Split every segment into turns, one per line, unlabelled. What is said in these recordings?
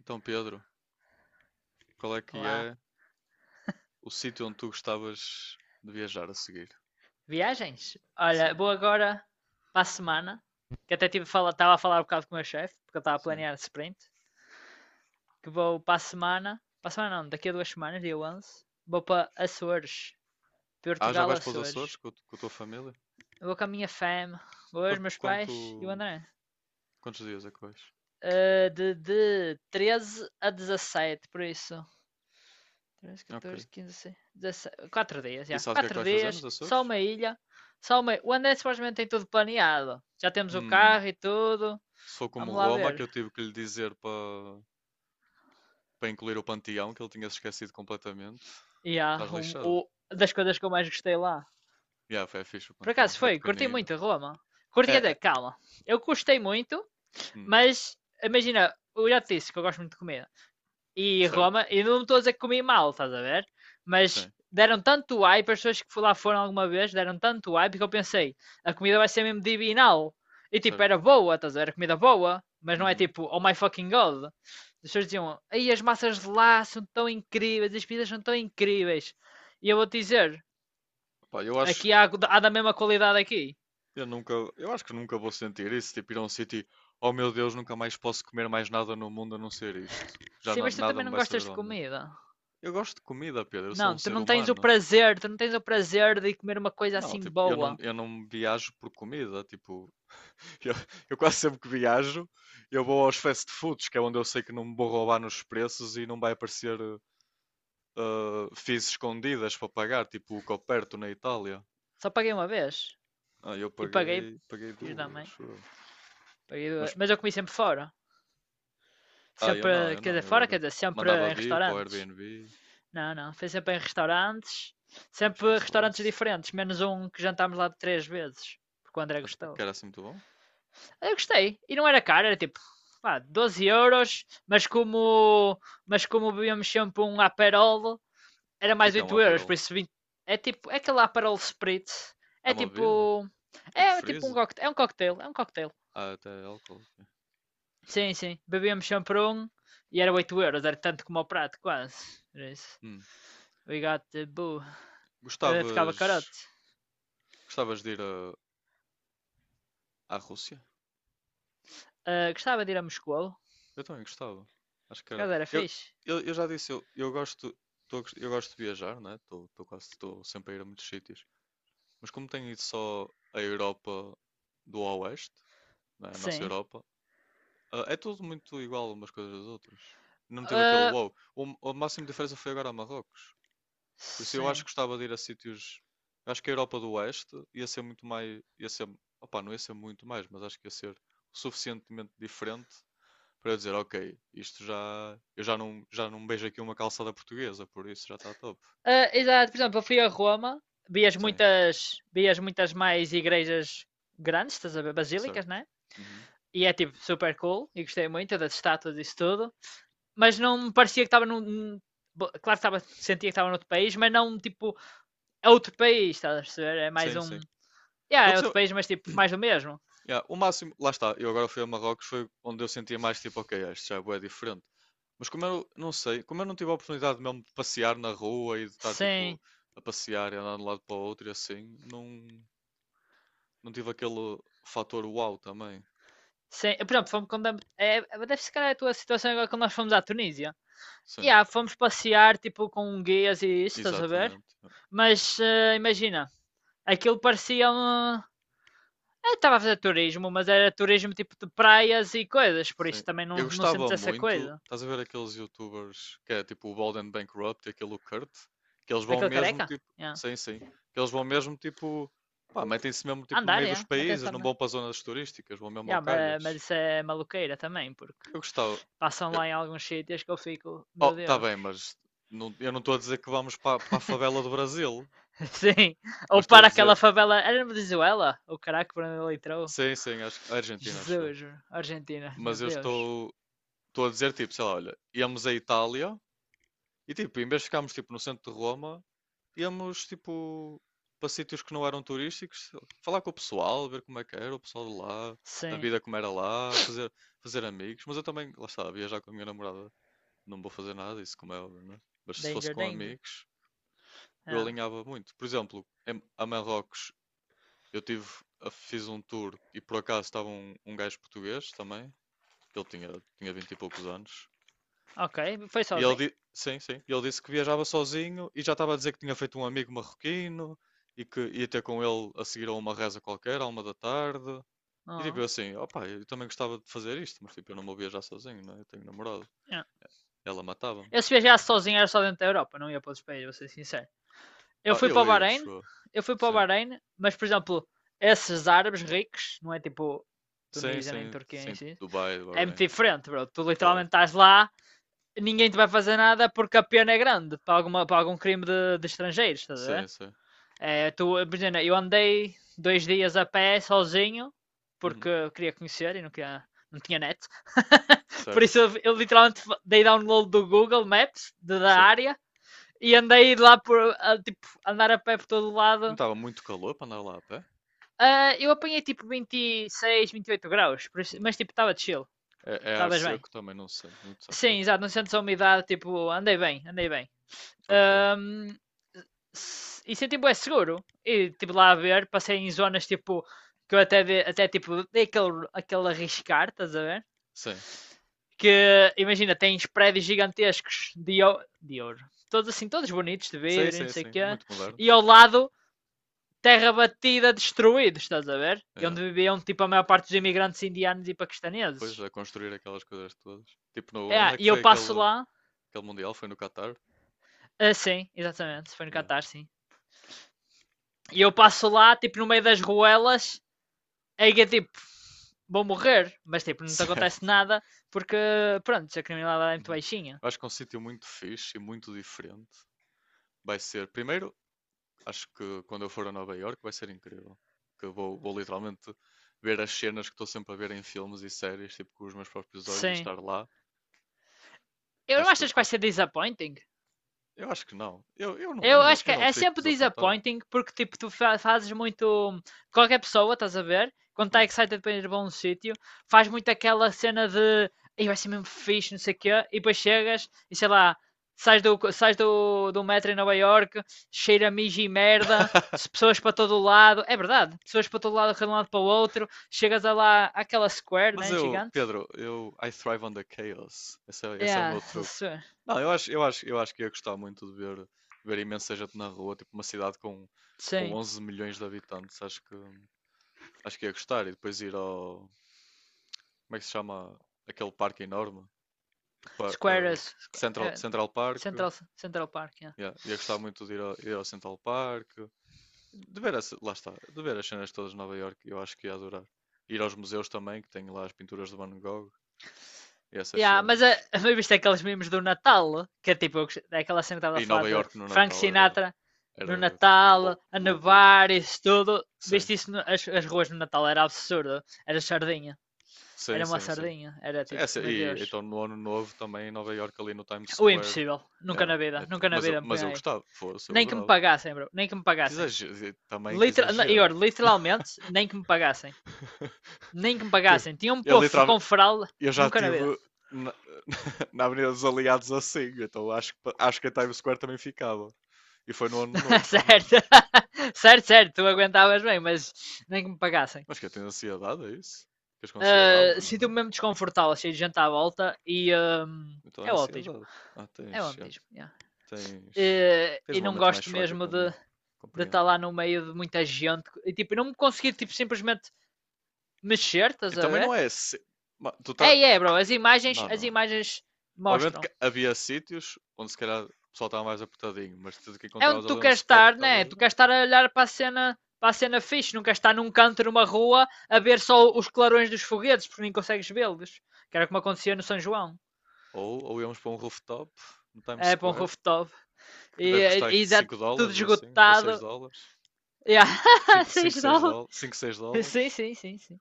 Então, Pedro, qual é que
Olá.
é o sítio onde tu gostavas de viajar a seguir?
Viagens? Olha,
Sim,
vou agora para a semana, que até tive a estava a falar um bocado com o meu chefe, porque eu estava a
sim.
planear sprint, que vou para a semana não, daqui a 2 semanas, dia 11, vou para Açores,
Ah, já
Portugal,
vais para os Açores
Açores.
com a tua família?
Eu vou com a minha fam, Vou eu, os
Quanto,
meus pais e o
quanto-
André.
quantos dias é que vais?
De 13 a dezassete, por isso. 13,
Ok.
14, 15, 16, 4 dias,
E
já.
sabes o que é que
quatro
vais fazer
dias,
nos
só
Açores?
uma ilha. Só uma. O André supostamente tem tudo planeado. Já temos o
Hum,
carro e tudo.
Se for como
Vamos lá
Roma,
ver.
que eu tive que lhe dizer para incluir o Panteão, que ele tinha se esquecido completamente,
E há
estás lixado.
das coisas que eu mais gostei lá.
Yeah, foi fixe o
Por
Panteão.
acaso
É
foi, curti
pequenino.
muito Roma. Curti
É,
até,
é.
calma. Eu gostei muito,
Hum,
mas imagina, eu já te disse que eu gosto muito de comer. E
certo?
Roma, e não estou a dizer que comi mal, estás a ver? Mas
Sim,
deram tanto hype, as pessoas que lá foram alguma vez deram tanto hype que eu pensei, a comida vai ser mesmo divinal. E tipo,
certo.
era boa, estás a ver? Era comida boa, mas não é
Uhum.
tipo, oh my fucking god. As pessoas diziam, aí as massas de lá são tão incríveis, as pizzas são tão incríveis. E eu vou te dizer,
Pá, eu acho.
aqui há, da mesma qualidade aqui.
Eu acho que nunca vou sentir isso, tipo ir a um sítio, oh meu Deus, nunca mais posso comer mais nada no mundo a não ser isto. Já
Sim, mas tu
nada
também
me
não
vai
gostas
saber
de
ao mesmo.
comida.
Eu gosto de comida, Pedro, eu sou
Não,
um
tu
ser
não tens o
humano.
prazer, tu não tens o prazer de comer uma coisa
Não,
assim
tipo, eu não,
boa.
eu não viajo por comida, tipo, eu, eu, quase sempre que viajo, eu vou aos fast foods, que é onde eu sei que não me vou roubar nos preços e não vai aparecer fees escondidas para pagar, tipo o Coperto na Itália.
Só paguei uma vez.
Ah, eu
E paguei,
paguei
fiz da
duas,
mãe.
acho eu.
Paguei,
Mas
mas eu comi sempre fora.
ah, eu não,
Sempre,
eu
quer
não.
dizer, fora, quer dizer, sempre
Mandava
em
vir para o
restaurantes.
Airbnb.
Não, não, foi sempre em restaurantes.
Ah,
Sempre
esquece lá
restaurantes
isso.
diferentes, menos um que jantámos lá de três vezes. Porque o André
Que
gostou.
era assim muito bom. O
Eu gostei. E não era caro, era tipo, pá, €12, mas como bebíamos sempre um Aperol, era mais
que é um
€8,
Aperol?
por isso 20. É tipo, é aquele Aperol Spritz.
É
É
uma bebida?
tipo,
Tipo
é tipo um
freeze?
coquetel, é um coquetel, é um coquetel.
Ah, até álcool.
Sim, sim. Bebíamos sempre um e era €8, era tanto como o prato, quase. Era isso.
Hum.
We got the boo. Ficava
Gostavas...
carote.
Gostavas de ir à Rússia?
Gostava de ir a Moscou,
Eu também gostava. Acho que
por
era...
acaso era
Eu,
fixe.
eu, eu já disse, eu gosto... Eu gosto de viajar, né? Estou quase... Estou sempre a ir a muitos sítios. Mas como tenho ido só à Europa do Oeste, né? A nossa
Sim.
Europa... Ah, é tudo muito igual umas coisas às outras. Não tive aquele
Eh,
wow. O máximo de diferença foi agora a Marrocos. Por isso eu acho
sim.
que gostava de ir a sítios. Eu acho que a Europa do Oeste ia ser muito mais. Ia ser, opá, não ia ser muito mais, mas acho que ia ser suficientemente diferente para eu dizer, ok, isto já. Eu já não beijo aqui uma calçada portuguesa, por isso já está top.
Exato, por exemplo, eu fui a Roma, vias
Sim,
muitas, vias muitas mais igrejas grandes, estás a ver, basílicas,
certo.
né?
Uhum.
E é tipo super cool, e gostei muito das estátuas e isso tudo. Mas não me parecia que estava num. Claro que estava, sentia que estava noutro país, mas não tipo é outro país, estás a perceber? É mais
Sim,
um.
sim.
Yeah,
Vou
é outro
dizer,
país, mas tipo, mais do mesmo.
yeah, o máximo, lá está, eu agora fui a Marrocos, foi onde eu sentia mais tipo, ok, isto já é bué diferente. Mas como eu não sei, como eu não tive a oportunidade mesmo de passear na rua e de estar
Sim,
tipo a passear e andar de um lado para o outro e assim, não tive aquele fator uau também.
sim. Por exemplo, fomos quando. É, deve ser calhar a tua situação agora quando nós fomos à Tunísia.
Sim,
Yeah, fomos passear tipo com guias e isso, estás a ver?
exatamente.
Mas imagina, aquilo parecia um. Eu estava a fazer turismo, mas era turismo tipo de praias e coisas, por
Sim.
isso também não,
Eu
não sentes
gostava
essa
muito,
coisa.
estás a ver aqueles YouTubers que é tipo o Bald and Bankrupt e aquele o Kurt, que eles vão
Aquele
mesmo
careca?
tipo,
Yeah.
sim, sim, que eles vão mesmo tipo, pá, metem-se mesmo tipo no
Andar,
meio dos
yeah.
países,
Atenção,
não
né?
vão para as zonas turísticas, vão mesmo ao
Yeah, mas
calhas.
isso é maluqueira também, porque
Eu gostava.
passam lá em alguns sítios que eu fico,
Oh,
meu
tá
Deus.
bem, mas eu não estou a dizer que vamos para a favela do Brasil,
Sim. Ou
mas estou a
para aquela
dizer,
favela. Era na Venezuela? O caraca, por onde ele entrou?
sim, sim, a Argentina, acho eu.
Jesus, Argentina, meu
Mas eu
Deus.
estou a dizer, tipo, sei lá, olha, íamos à Itália e, tipo, em vez de ficarmos, tipo, no centro de Roma, íamos, tipo, para sítios que não eram turísticos, falar com o pessoal, ver como é que era o pessoal de lá, a
Sim.
vida como era lá, fazer amigos. Mas eu também, lá está, viajar com a minha namorada, não vou fazer nada disso, como é óbvio, não é? Mas se fosse
Danger,
com
danger.
amigos, eu
Ah.
alinhava muito. Por exemplo, a Marrocos. Eu tive, Fiz um tour e por acaso estava um, gajo português também, que ele tinha 20 e poucos anos.
OK, foi
E
sozinho?
sim, sim, e ele disse que viajava sozinho e já estava a dizer que tinha feito um amigo marroquino e que ia ter com ele a seguir a uma reza qualquer, à 1 da tarde. E tipo,
Ah,
eu assim, opá, eu também gostava de fazer isto, mas tipo, eu não vou viajar sozinho, né? Eu tenho namorado.
ah.
Ela matava-me.
Eu se viajasse sozinho era só dentro da Europa, não ia para outros países, vou ser sincero. Eu
Ah,
fui para
eu
o
ia, acho
Bahrein,
eu.
eu fui para o
Sim,
Bahrein, mas por exemplo, esses árabes ricos, não é tipo
sim,
Tunísia nem
sim,
Turquia
sim,
em
tipo,
si,
Dubai,
é muito
Bahrein,
diferente, bro. Tu
claro.
literalmente estás lá, ninguém te vai fazer nada porque a pena é grande para algum crime de estrangeiros, estás a
Sim,
ver?
sim.
É, tu, imagina, eu andei 2 dias a pé sozinho
Uhum.
porque eu queria conhecer e não, queria, não tinha net. Por isso
Certo,
eu literalmente dei download do Google Maps da
sim.
área e andei lá por a, tipo, andar a pé por todo o
Não
lado.
estava muito calor para andar lá a pé?
Eu apanhei tipo 26, 28 graus, por isso, mas
Hum.
tipo estava chill,
É ar
estavas bem.
seco também, não se sente muito, achou?
Sim, exato, não sentes a umidade, tipo, andei bem, andei bem.
Ok.
Ahm, e senti bué seguro. E tipo lá a ver, passei em zonas tipo que eu até tipo dei aquele arriscar, estás a ver?
Sim.
Que imagina, tens prédios gigantescos de ouro, todos assim, todos bonitos de
Sim,
vidro e não
sim,
sei o
sim.
quê,
Muito
e
modernos.
ao lado terra batida, destruídos, estás a ver? E
É.
onde viviam tipo a maior parte dos imigrantes indianos e
Pois,
paquistaneses.
a construir aquelas coisas todas. Tipo, no, onde
É,
é que
e eu
foi
passo
aquele,
lá,
aquele Mundial? Foi no Qatar?
sim, exatamente, foi no
Yeah.
Catar, sim. E eu passo lá, tipo no meio das ruelas, é que é tipo, vou morrer, mas tipo, não te acontece
Certo.
nada porque, pronto, a criminalidade é muito
Uhum.
baixinha.
Eu acho que é um sítio muito fixe e muito diferente. Vai ser, primeiro, acho que quando eu for a Nova Iorque vai ser incrível. Que eu vou literalmente ver as cenas que estou sempre a ver em filmes e séries, tipo, com os meus próprios olhos e
Sim.
estar lá.
Eu não
Acho que,
achas que vai
acho
ser disappointing?
Eu acho que não. Eu, eu não,
Eu
eu não,
acho que
eu não
é
fico
sempre
desapontado.
disappointing porque tipo, tu fazes muito. Qualquer pessoa, estás a ver? Quando está
Hum.
excited para ir para um sítio, faz muito aquela cena de "Ei, vai ser mesmo fixe, não sei o quê, e depois chegas e sei lá, sais do metro em Nova York, cheira a mijo e merda, pessoas para todo o lado, é verdade, pessoas para todo lado, de um lado para o outro, chegas a lá àquela square,
Mas
né?
eu,
Gigante?
Pedro, eu I thrive on the chaos. Esse é o meu
Yeah,
truque.
s-
Não, eu acho que ia gostar muito de ver, imensa gente na rua, tipo uma cidade com
sim,
11 milhões de habitantes. Acho que ia gostar. E depois ir ao, como é que se chama aquele parque enorme? O par-
square
eh,
is,
Central,
é,
Central Park.
Central, Central Park, yeah.
Yeah, ia gostar muito de ir ao Central Park. De ver, lá está, de ver as cenas todas de Nova Iorque, eu acho que ia adorar. Ir aos museus também, que tem lá as pinturas de Van Gogh e essas
Yeah, mas a,
cenas.
a minha vista é aqueles memes do Natal, que é tipo é aquela cena que estava
E
a falar
Nova
de
Iorque no
Frank
Natal era,
Sinatra
era
no Natal,
lou-
a
loucura.
nevar, isso tudo.
Sim,
Viste isso, as ruas no Natal era absurdo, era sardinha,
sim,
era uma
sim, sim.
sardinha, era
Sim,
tipo, meu
e
Deus,
então no ano novo também em Nova Iorque ali no Times
o
Square.
impossível, nunca
é,
na
é
vida,
ti-
nunca na
mas, eu,
vida me
mas
punha
eu
aí.
gostava, fosse, eu
Nem que me
adorava.
pagassem, bro, nem que me
Que
pagassem.
exagero, também que
Literal, e
exagero.
olha, literalmente, nem que me pagassem, nem que me
Tipo,
pagassem. Tinha um
é
povo
literal,
com fralda,
eu já
nunca na vida.
tive na, na Avenida dos Aliados assim, então acho que a Times Square também ficava. E foi no ano novo também.
Certo, certo, certo, tu aguentavas bem, mas nem que me pagassem.
Mas que eu tenho ansiedade, é isso? Ficas com ansiedade lá no meio?
Sinto-me mesmo desconfortável, cheio de gente à volta e um,
Então é
é o autismo.
ansiedade. Ah,
É o
tens, já,
autismo, yeah.
tens,
e,
tens
e
uma
não
mente mais
gosto
fraca que
mesmo
a
de,
minha.
de
Compreendo.
estar lá no meio de muita gente e tipo, não me conseguir tipo, simplesmente mexer,
E
estás a
também não
ver?
é. Tu
É,
tá...
é, bro, as imagens,
Não,
as
não é.
imagens
Obviamente
mostram.
que havia sítios onde se calhar o pessoal estava mais apertadinho, mas tudo que
É onde
encontravas
tu
ali um
queres
spot que
estar, né?
estavas
Tu
bem.
queres estar a olhar para a cena fixe, não queres estar num canto numa rua a ver só os clarões dos foguetes, porque nem consegues vê-los. Que era como acontecia no São João.
Ou íamos para um rooftop no Times
É para um
Square
rooftop. E,
que deve custar
e dá
5
tudo
dólares ou assim, ou 6
esgotado.
dólares.
Yeah.
cinco
6
seis
dólares.
dólares. 5, 6
Sim,
dólares.
sim, sim, sim.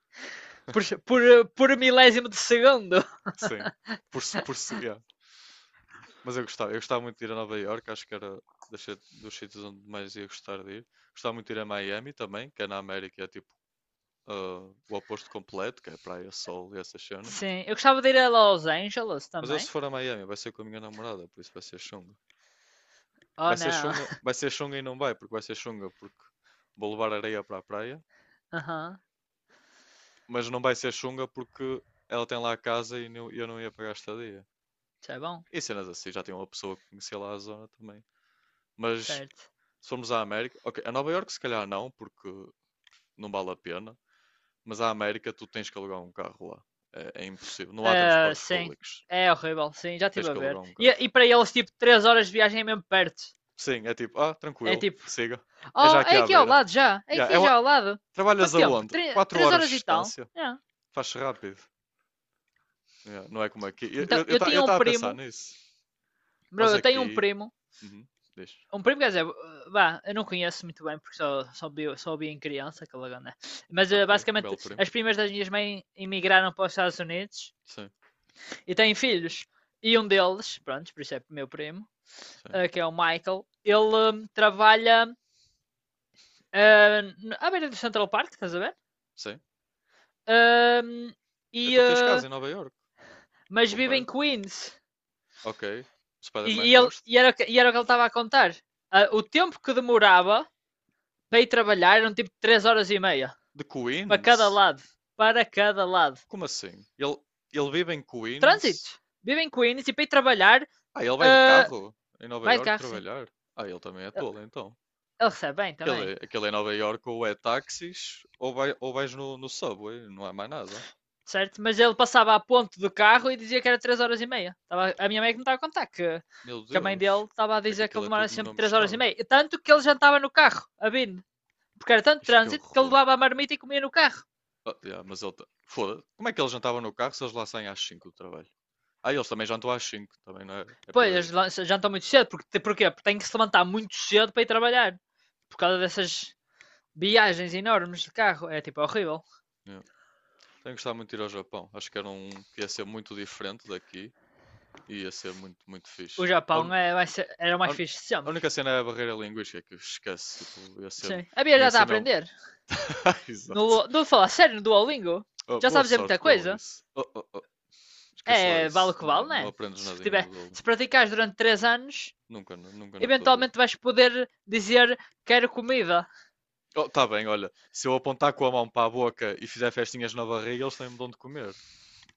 Por, por, por milésimo de segundo.
Sim. Por, se- Yeah. Mas eu gostava muito de ir a Nova Iorque, acho que era dos sítios onde mais ia gostar de ir. Gostava muito de ir a Miami também, que é na América, é tipo ah, o oposto completo, que é praia, sol e essas cenas.
Sim. Eu gostava de ir a Los Angeles
Mas eu se
também.
for a Miami vai ser com a minha namorada, por isso vai ser chunga.
Oh
Vai ser
não.
chunga, vai ser chunga e não vai, porque vai ser chunga porque vou levar areia para a praia.
Aham. Uhum.
Mas não vai ser chunga porque ela tem lá a casa e eu não ia pagar a estadia.
Isso é bom.
E cenas assim, já tem uma pessoa que conhecia lá a zona também. Mas
Certo.
se formos à América, ok, a Nova York se calhar não, porque não vale a pena, mas à América tu tens que alugar um carro lá. É impossível. Não há
Ah,
transportes
sim,
públicos.
é horrível, sim, já
Tens
estive a
que
ver.
alugar um
E,
carro.
e para eles, tipo, 3 horas de viagem é mesmo perto.
Sim, é tipo, ah,
É
tranquilo,
tipo,
siga. É já
oh,
aqui
é
à
aqui ao
beira.
lado já, é
Yeah,
aqui já ao lado. Quanto
trabalhas
tempo?
aonde?
Tre-
4
três
horas de
horas e tal.
distância.
É.
Faz rápido. Yeah, não é como aqui.
Então,
Eu estava eu
eu
ta-
tinha
eu
um
tava a pensar
primo,
nisso.
bro,
Nós
eu tenho
aqui. Uhum, diz.
um primo, quer dizer, vá, eu não conheço muito bem porque só vi em criança, aquela gana. Mas
Ok,
basicamente,
belo primo.
as primas das minhas mães emigraram para os Estados Unidos
Sim,
e têm filhos. E um deles, pronto, por isso é meu primo,
sim,
que é o Michael, ele trabalha ah, à beira do Central Park, estás a ver?
sim.
Ahm, e,
Então tens
ah,
casa em Nova York,
mas
ou
vive em
perto.
Queens.
Ok, Spider-Man,
E ele,
gosto.
e, era, o que- E era o que ele estava a contar. Ah, o tempo que demorava para ir trabalhar eram tipo 3 horas e meia.
De
Para cada
Queens?
lado. Para cada lado.
Como assim? Ele vive em Queens?
Trânsito. Vive em Queens e para ir trabalhar.
Ah, ele vai de
ah,
carro em Nova
Vai de
York
carro, sim.
trabalhar? Ah, ele também é tolo, então.
Ele recebe bem
Aquele, é,
também.
aquele em Nova York ou é táxis ou, ou vais no subway, não há mais nada.
Certo? Mas ele passava a ponto do carro e dizia que era 3 horas e meia. A minha mãe que me estava a contar que,
Meu
que a mãe dele
Deus,
estava a
é que
dizer que ele
aquilo é
demorava
tudo no
sempre
mesmo
3 horas e
estado.
meia. E tanto que ele jantava no carro, a Bin, porque era tanto
Ixi, que
trânsito que ele
horror.
levava a marmita e comia no carro.
Ah, yeah, mas foda-se. Como é que eles jantavam no carro se eles lá saem às 5 do trabalho? Ah, eles também jantam às 5, também não é? É por
Pois, eles
aí.
jantam muito cedo, porque, porquê? Porque tem que se levantar muito cedo para ir trabalhar. Por causa dessas viagens enormes de carro. É tipo horrível.
Yeah. Tenho gostado muito de ir ao Japão. Acho que era um que ia ser muito diferente daqui e ia ser muito, muito
O
fixe.
Japão era o
A
mais
uni-
fixe de
a
sempre.
única cena é a barreira linguística que esquece, tipo, ia ser,
Sim. A Bia
tinha
já
que
está a
ser mesmo.
aprender.
Exato.
No falar sério no Duolingo.
Oh,
Já
boa
sabes dizer
sorte
muita
com
coisa.
isso. Oh, oh, oh, esquece lá
É, vale o
isso.
que
Não,
vale,
não
né?
aprendes
Se,
nadinha no
tiver,
Duolingo.
se praticares durante 3 anos,
Nunca, nunca na tua vida.
eventualmente vais poder dizer quero comida,
Oh, tá bem, olha, se eu apontar com a mão para a boca e fizer festinhas na barriga, eles têm-me de onde comer.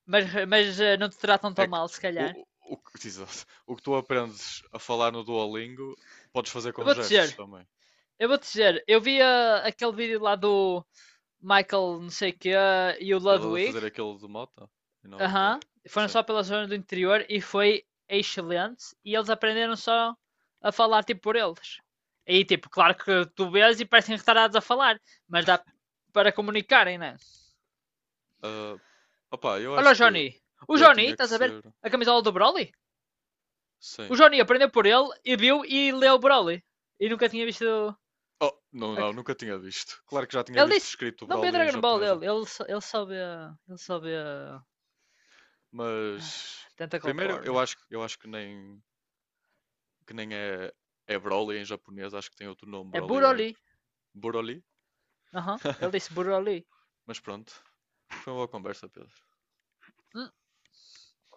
mas, não te tratam
É
tão
que
mal, se
o,
calhar.
o, exato. O que tu aprendes a falar no Duolingo, podes fazer
Eu
com
vou-te
gestos
dizer,
também.
eu vou-te dizer, eu vi aquele vídeo lá do Michael não sei o quê e o
Que ele a
Ludwig,
fazer aquilo de moto. E
aham,
é,
foram
sim.
só pela zona do interior e foi excelente e eles aprenderam só a falar tipo por eles. Aí tipo, claro que tu vês e parecem retardados a falar, mas dá para comunicarem, né?
Ah, opá, eu
Olha o
acho que
Johnny. O
eu
Johnny,
tinha que
estás a ver?
ser.
A camisola do Broly?
Sim.
O Johnny aprendeu por ele e viu e leu o Broly. E nunca tinha visto.
Oh, não, não, nunca tinha visto. Claro que já tinha
Ele
visto
disse.
escrito
Não vê
Broly em
Dragon Ball
japonês,
ele. Ele só vê. Ele só vê.
mas
Tentacle
primeiro eu
Porn.
acho, eu acho que nem, é Broly em japonês, acho que tem outro nome,
É
Broly é
Broly.
Broly,
Aham. Uhum. Ele disse Broly.
mas pronto. Foi uma boa conversa, Pedro.
Hum,